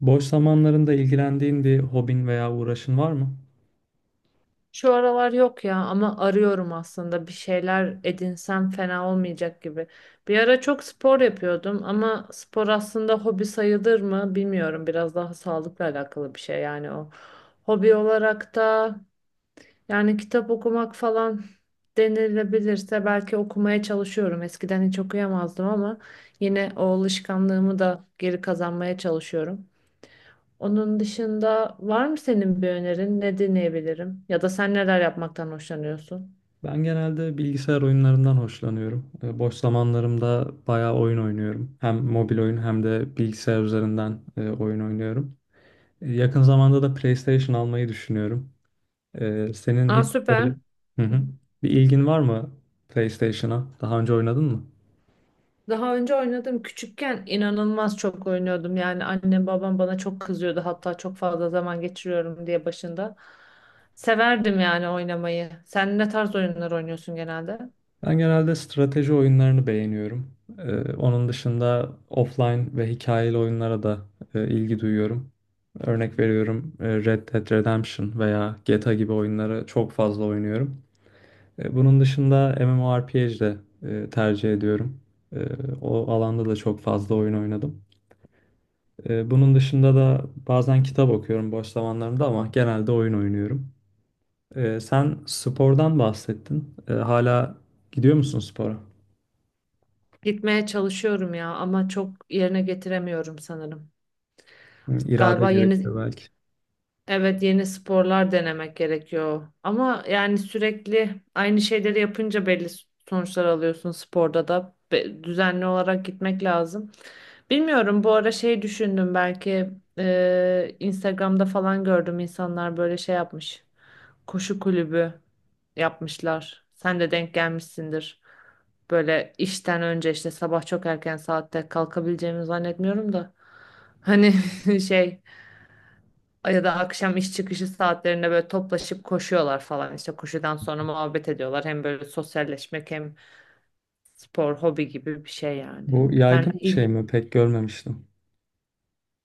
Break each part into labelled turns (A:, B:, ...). A: Boş zamanlarında ilgilendiğin bir hobin veya uğraşın var mı?
B: Şu aralar yok ya ama arıyorum aslında bir şeyler edinsem fena olmayacak gibi. Bir ara çok spor yapıyordum ama spor aslında hobi sayılır mı bilmiyorum. Biraz daha sağlıkla alakalı bir şey yani o. Hobi olarak da yani kitap okumak falan denilebilirse belki okumaya çalışıyorum. Eskiden hiç okuyamazdım ama yine o alışkanlığımı da geri kazanmaya çalışıyorum. Onun dışında var mı senin bir önerin? Ne dinleyebilirim? Ya da sen neler yapmaktan hoşlanıyorsun?
A: Ben genelde bilgisayar oyunlarından hoşlanıyorum. Boş zamanlarımda bayağı oyun oynuyorum. Hem mobil oyun hem de bilgisayar üzerinden oyun oynuyorum. Yakın zamanda da PlayStation almayı düşünüyorum. Senin
B: Aa,
A: hiç böyle,
B: süper.
A: hı hı, bir ilgin var mı PlayStation'a? Daha önce oynadın mı?
B: Daha önce oynadım. Küçükken inanılmaz çok oynuyordum. Yani annem babam bana çok kızıyordu. Hatta çok fazla zaman geçiriyorum diye başında. Severdim yani oynamayı. Sen ne tarz oyunlar oynuyorsun genelde?
A: Ben genelde strateji oyunlarını beğeniyorum. Onun dışında offline ve hikayeli oyunlara da ilgi duyuyorum. Örnek veriyorum Red Dead Redemption veya GTA gibi oyunları çok fazla oynuyorum. Bunun dışında MMORPG de tercih ediyorum. E, O alanda da çok fazla oyun oynadım. Bunun dışında da bazen kitap okuyorum boş zamanlarımda ama genelde oyun oynuyorum. Sen spordan bahsettin. Hala gidiyor musun spora?
B: Gitmeye çalışıyorum ya ama çok yerine getiremiyorum sanırım.
A: Hı. İrade
B: Galiba
A: gerekiyor
B: yeni.
A: belki.
B: Evet, yeni sporlar denemek gerekiyor. Ama yani sürekli aynı şeyleri yapınca belli sonuçlar alıyorsun sporda da. Düzenli olarak gitmek lazım. Bilmiyorum, bu ara şey düşündüm, belki Instagram'da falan gördüm insanlar böyle şey yapmış. Koşu kulübü yapmışlar. Sen de denk gelmişsindir. Böyle işten önce işte sabah çok erken saatte kalkabileceğimi zannetmiyorum da. Hani şey, ya da akşam iş çıkışı saatlerinde böyle toplaşıp koşuyorlar falan, işte koşudan sonra muhabbet ediyorlar, hem böyle sosyalleşmek hem spor, hobi gibi bir şey yani.
A: Bu yaygın
B: Sen
A: bir
B: il,
A: şey mi? Pek görmemiştim.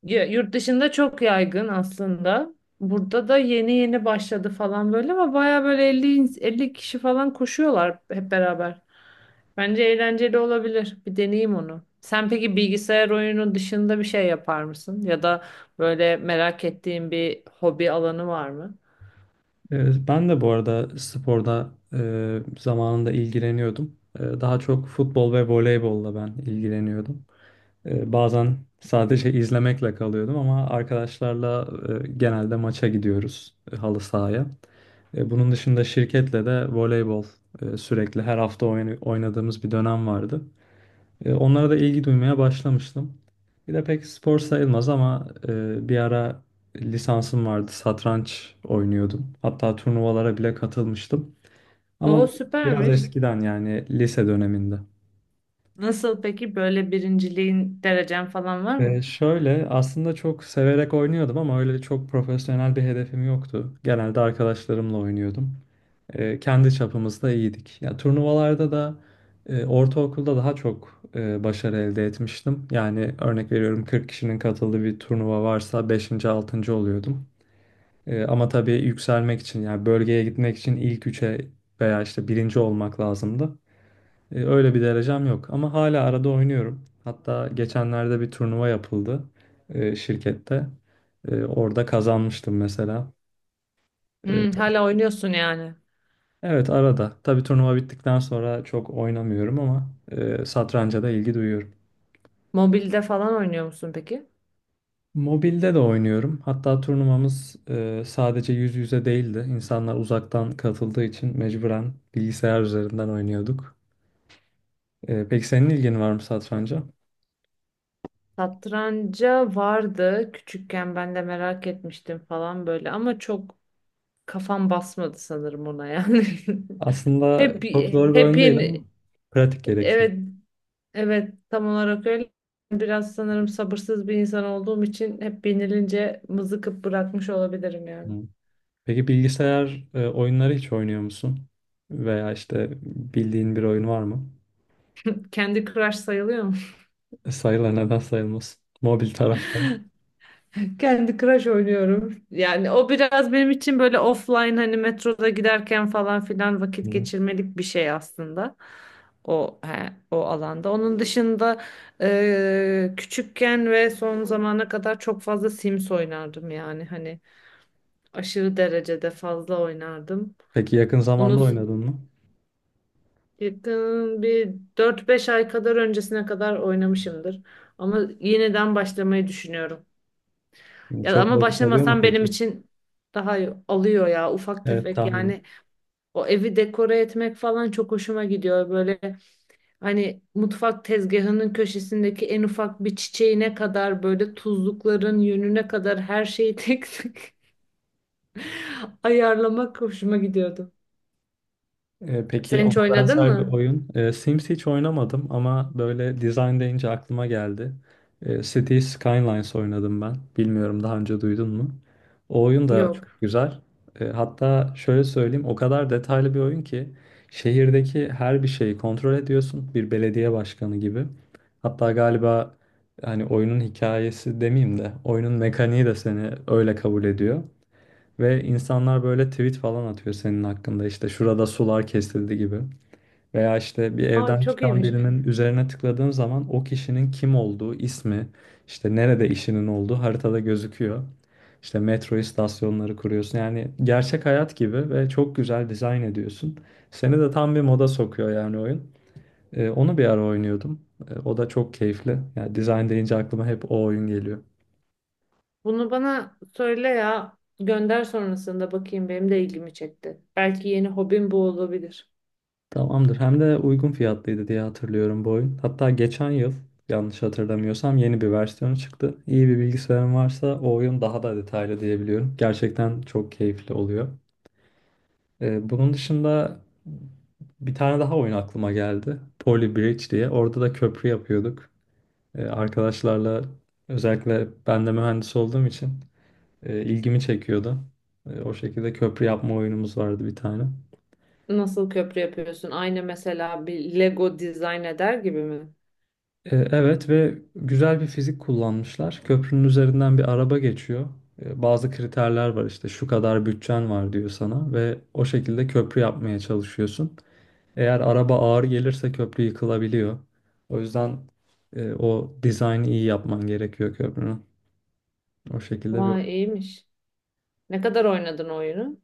B: Yurt dışında çok yaygın aslında. Burada da yeni yeni başladı falan böyle ama baya böyle 50 kişi falan koşuyorlar hep beraber. Bence eğlenceli olabilir. Bir deneyeyim onu. Sen peki bilgisayar oyunu dışında bir şey yapar mısın? Ya da böyle merak ettiğin bir hobi alanı var mı?
A: Ben de bu arada sporda zamanında ilgileniyordum. Daha çok futbol ve voleybolla ben ilgileniyordum. Bazen sadece izlemekle kalıyordum ama arkadaşlarla genelde maça gidiyoruz, halı sahaya. Bunun dışında şirketle de voleybol sürekli her hafta oynadığımız bir dönem vardı. Onlara da ilgi duymaya başlamıştım. Bir de pek spor sayılmaz ama bir ara lisansım vardı. Satranç oynuyordum. Hatta turnuvalara bile katılmıştım. Ama
B: O
A: bu biraz
B: süpermiş.
A: eskiden, yani lise döneminde.
B: Nasıl peki, böyle birinciliğin, derecen falan var mı?
A: Şöyle, aslında çok severek oynuyordum ama öyle çok profesyonel bir hedefim yoktu. Genelde arkadaşlarımla oynuyordum. Kendi çapımızda iyiydik. Ya turnuvalarda da ortaokulda daha çok başarı elde etmiştim. Yani örnek veriyorum, 40 kişinin katıldığı bir turnuva varsa beşinci, 6. oluyordum. Ama tabii yükselmek için, yani bölgeye gitmek için ilk üçe veya işte birinci olmak lazımdı. Öyle bir derecem yok ama hala arada oynuyorum. Hatta geçenlerde bir turnuva yapıldı şirkette. Orada kazanmıştım mesela.
B: Hmm, hala oynuyorsun yani.
A: Evet, arada. Tabii turnuva bittikten sonra çok oynamıyorum ama satranca da ilgi duyuyorum.
B: Mobilde falan oynuyor musun peki?
A: Mobilde de oynuyorum. Hatta turnuvamız sadece yüz yüze değildi. İnsanlar uzaktan katıldığı için mecburen bilgisayar üzerinden oynuyorduk. Peki senin ilgin var mı satranca?
B: Satranca vardı, küçükken ben de merak etmiştim falan böyle ama çok kafam basmadı sanırım ona yani.
A: Aslında
B: Hep
A: çok zor bir
B: hep
A: oyun değil
B: yeni
A: ama pratik gerektiriyor.
B: Evet, evet, tam olarak öyle. Biraz sanırım sabırsız bir insan olduğum için hep yenilince mızıkıp bırakmış olabilirim yani.
A: Hı. Peki bilgisayar oyunları hiç oynuyor musun? Veya işte bildiğin bir oyun var mı?
B: Kendi crush sayılıyor mu?
A: Sayılır, neden sayılmaz? Mobil tarafta.
B: Kendi Crash oynuyorum. Yani o biraz benim için böyle offline, hani metroda giderken falan filan vakit geçirmelik bir şey aslında. O alanda. Onun dışında küçükken ve son zamana kadar çok fazla Sims oynardım, yani hani aşırı derecede fazla oynardım.
A: Peki yakın
B: Onu
A: zamanda
B: s-
A: oynadın mı?
B: Yakın bir dört beş ay kadar öncesine kadar oynamışımdır. Ama yeniden başlamayı düşünüyorum. Ya
A: Çok
B: ama
A: vakit alıyor mu
B: başlamasam benim
A: peki?
B: için daha iyi. Alıyor ya ufak
A: Evet,
B: tefek
A: tahmin
B: yani. O evi dekore etmek falan çok hoşuma gidiyor, böyle hani mutfak tezgahının köşesindeki en ufak bir çiçeğine kadar, böyle tuzlukların yönüne kadar her şeyi tek tek ayarlamak hoşuma gidiyordu.
A: Peki
B: Sen hiç
A: ona
B: oynadın
A: benzer bir
B: mı?
A: oyun. Sims hiç oynamadım ama böyle design deyince aklıma geldi. City Skylines oynadım ben. Bilmiyorum, daha önce duydun mu? O oyun da çok
B: Yok.
A: güzel. Hatta şöyle söyleyeyim, o kadar detaylı bir oyun ki şehirdeki her bir şeyi kontrol ediyorsun, bir belediye başkanı gibi. Hatta galiba, hani oyunun hikayesi demeyeyim de, oyunun mekaniği de seni öyle kabul ediyor. Ve insanlar böyle tweet falan atıyor senin hakkında, işte şurada sular kesildi gibi. Veya işte bir
B: Aa,
A: evden
B: çok
A: çıkan
B: iyiymiş.
A: birinin üzerine tıkladığın zaman o kişinin kim olduğu, ismi, işte nerede işinin olduğu haritada gözüküyor. İşte metro istasyonları kuruyorsun. Yani gerçek hayat gibi ve çok güzel dizayn ediyorsun. Seni de tam bir moda sokuyor yani oyun. Onu bir ara oynuyordum. O da çok keyifli. Yani dizayn deyince aklıma hep o oyun geliyor.
B: Bunu bana söyle ya, gönder sonrasında bakayım, benim de ilgimi çekti. Belki yeni hobim bu olabilir.
A: Tamamdır. Hem de uygun fiyatlıydı diye hatırlıyorum bu oyun. Hatta geçen yıl, yanlış hatırlamıyorsam, yeni bir versiyonu çıktı. İyi bir bilgisayarın varsa o oyun daha da detaylı diyebiliyorum. Gerçekten çok keyifli oluyor. Bunun dışında bir tane daha oyun aklıma geldi. Poly Bridge diye. Orada da köprü yapıyorduk. Arkadaşlarla, özellikle ben de mühendis olduğum için ilgimi çekiyordu. O şekilde köprü yapma oyunumuz vardı bir tane.
B: Nasıl köprü yapıyorsun? Aynı mesela bir Lego dizayn eder gibi mi?
A: Evet, ve güzel bir fizik kullanmışlar. Köprünün üzerinden bir araba geçiyor. Bazı kriterler var, işte şu kadar bütçen var diyor sana ve o şekilde köprü yapmaya çalışıyorsun. Eğer araba ağır gelirse köprü yıkılabiliyor. O yüzden o dizaynı iyi yapman gerekiyor köprünün. O şekilde bir...
B: Vay, iyiymiş. Ne kadar oynadın oyunu?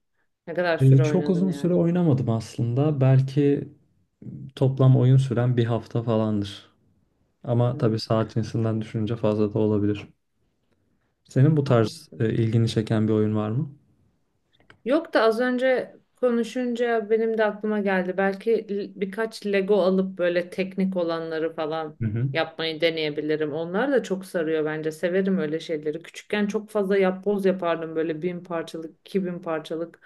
B: Ne kadar süre
A: Çok
B: oynadın
A: uzun süre
B: yani?
A: oynamadım aslında. Belki toplam oyun süren bir hafta falandır. Ama
B: Hmm,
A: tabii saat cinsinden düşününce fazla da olabilir. Senin bu tarz
B: anladım.
A: ilgini çeken bir oyun var mı?
B: Yok da az önce konuşunca benim de aklıma geldi. Belki birkaç Lego alıp böyle teknik olanları falan
A: Hı hı.
B: yapmayı deneyebilirim. Onlar da çok sarıyor bence. Severim öyle şeyleri. Küçükken çok fazla yapboz yapardım, böyle bin parçalık, iki bin parçalık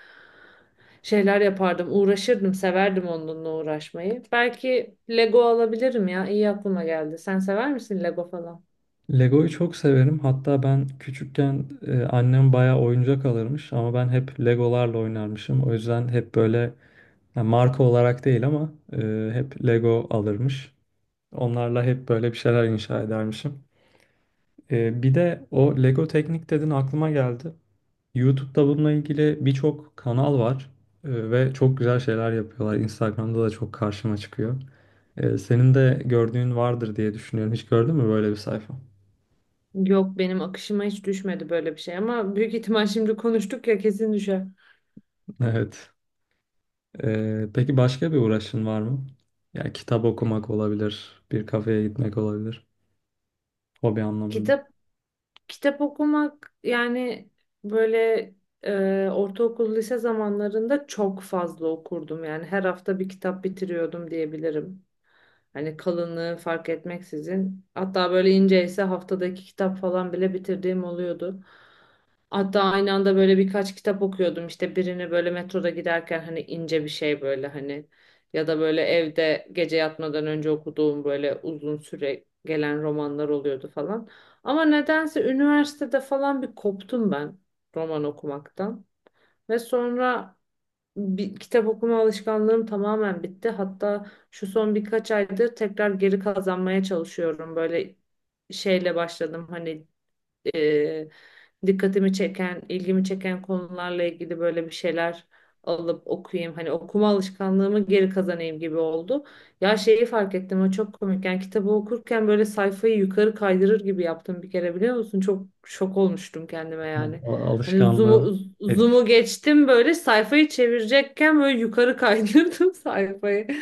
B: şeyler yapardım. Uğraşırdım, severdim onunla uğraşmayı. Belki Lego alabilirim ya. İyi aklıma geldi. Sen sever misin Lego falan?
A: Lego'yu çok severim. Hatta ben küçükken annem bayağı oyuncak alırmış ama ben hep Legolarla oynarmışım. O yüzden hep böyle, yani marka olarak değil ama hep Lego alırmış. Onlarla hep böyle bir şeyler inşa edermişim. Bir de o Lego teknik dedin, aklıma geldi. YouTube'da bununla ilgili birçok kanal var ve çok güzel şeyler yapıyorlar. Instagram'da da çok karşıma çıkıyor. Senin de gördüğün vardır diye düşünüyorum. Hiç gördün mü böyle bir sayfa?
B: Yok, benim akışıma hiç düşmedi böyle bir şey ama büyük ihtimal şimdi konuştuk ya, kesin düşer.
A: Evet. Peki başka bir uğraşın var mı? Ya kitap okumak olabilir, bir kafeye gitmek olabilir, hobi anlamında.
B: Kitap Kitap okumak yani, böyle ortaokul lise zamanlarında çok fazla okurdum. Yani her hafta bir kitap bitiriyordum diyebilirim. Hani kalınlığı fark etmeksizin. Hatta böyle ince ise haftadaki kitap falan bile bitirdiğim oluyordu. Hatta aynı anda böyle birkaç kitap okuyordum. İşte birini böyle metroda giderken hani ince bir şey, böyle hani, ya da böyle evde gece yatmadan önce okuduğum böyle uzun süre gelen romanlar oluyordu falan. Ama nedense üniversitede falan bir koptum ben roman okumaktan. Ve sonra bir kitap okuma alışkanlığım tamamen bitti. Hatta şu son birkaç aydır tekrar geri kazanmaya çalışıyorum. Böyle şeyle başladım hani, e, dikkatimi çeken, ilgimi çeken konularla ilgili böyle bir şeyler alıp okuyayım, hani okuma alışkanlığımı geri kazanayım gibi oldu. Ya şeyi fark ettim, o çok komik. Yani kitabı okurken böyle sayfayı yukarı kaydırır gibi yaptım bir kere, biliyor musun? Çok şok olmuştum kendime
A: Al-
B: yani. Hani
A: Alışkanlığın
B: zoom'u,
A: etkisi
B: geçtim, böyle sayfayı çevirecekken böyle yukarı kaydırdım sayfayı.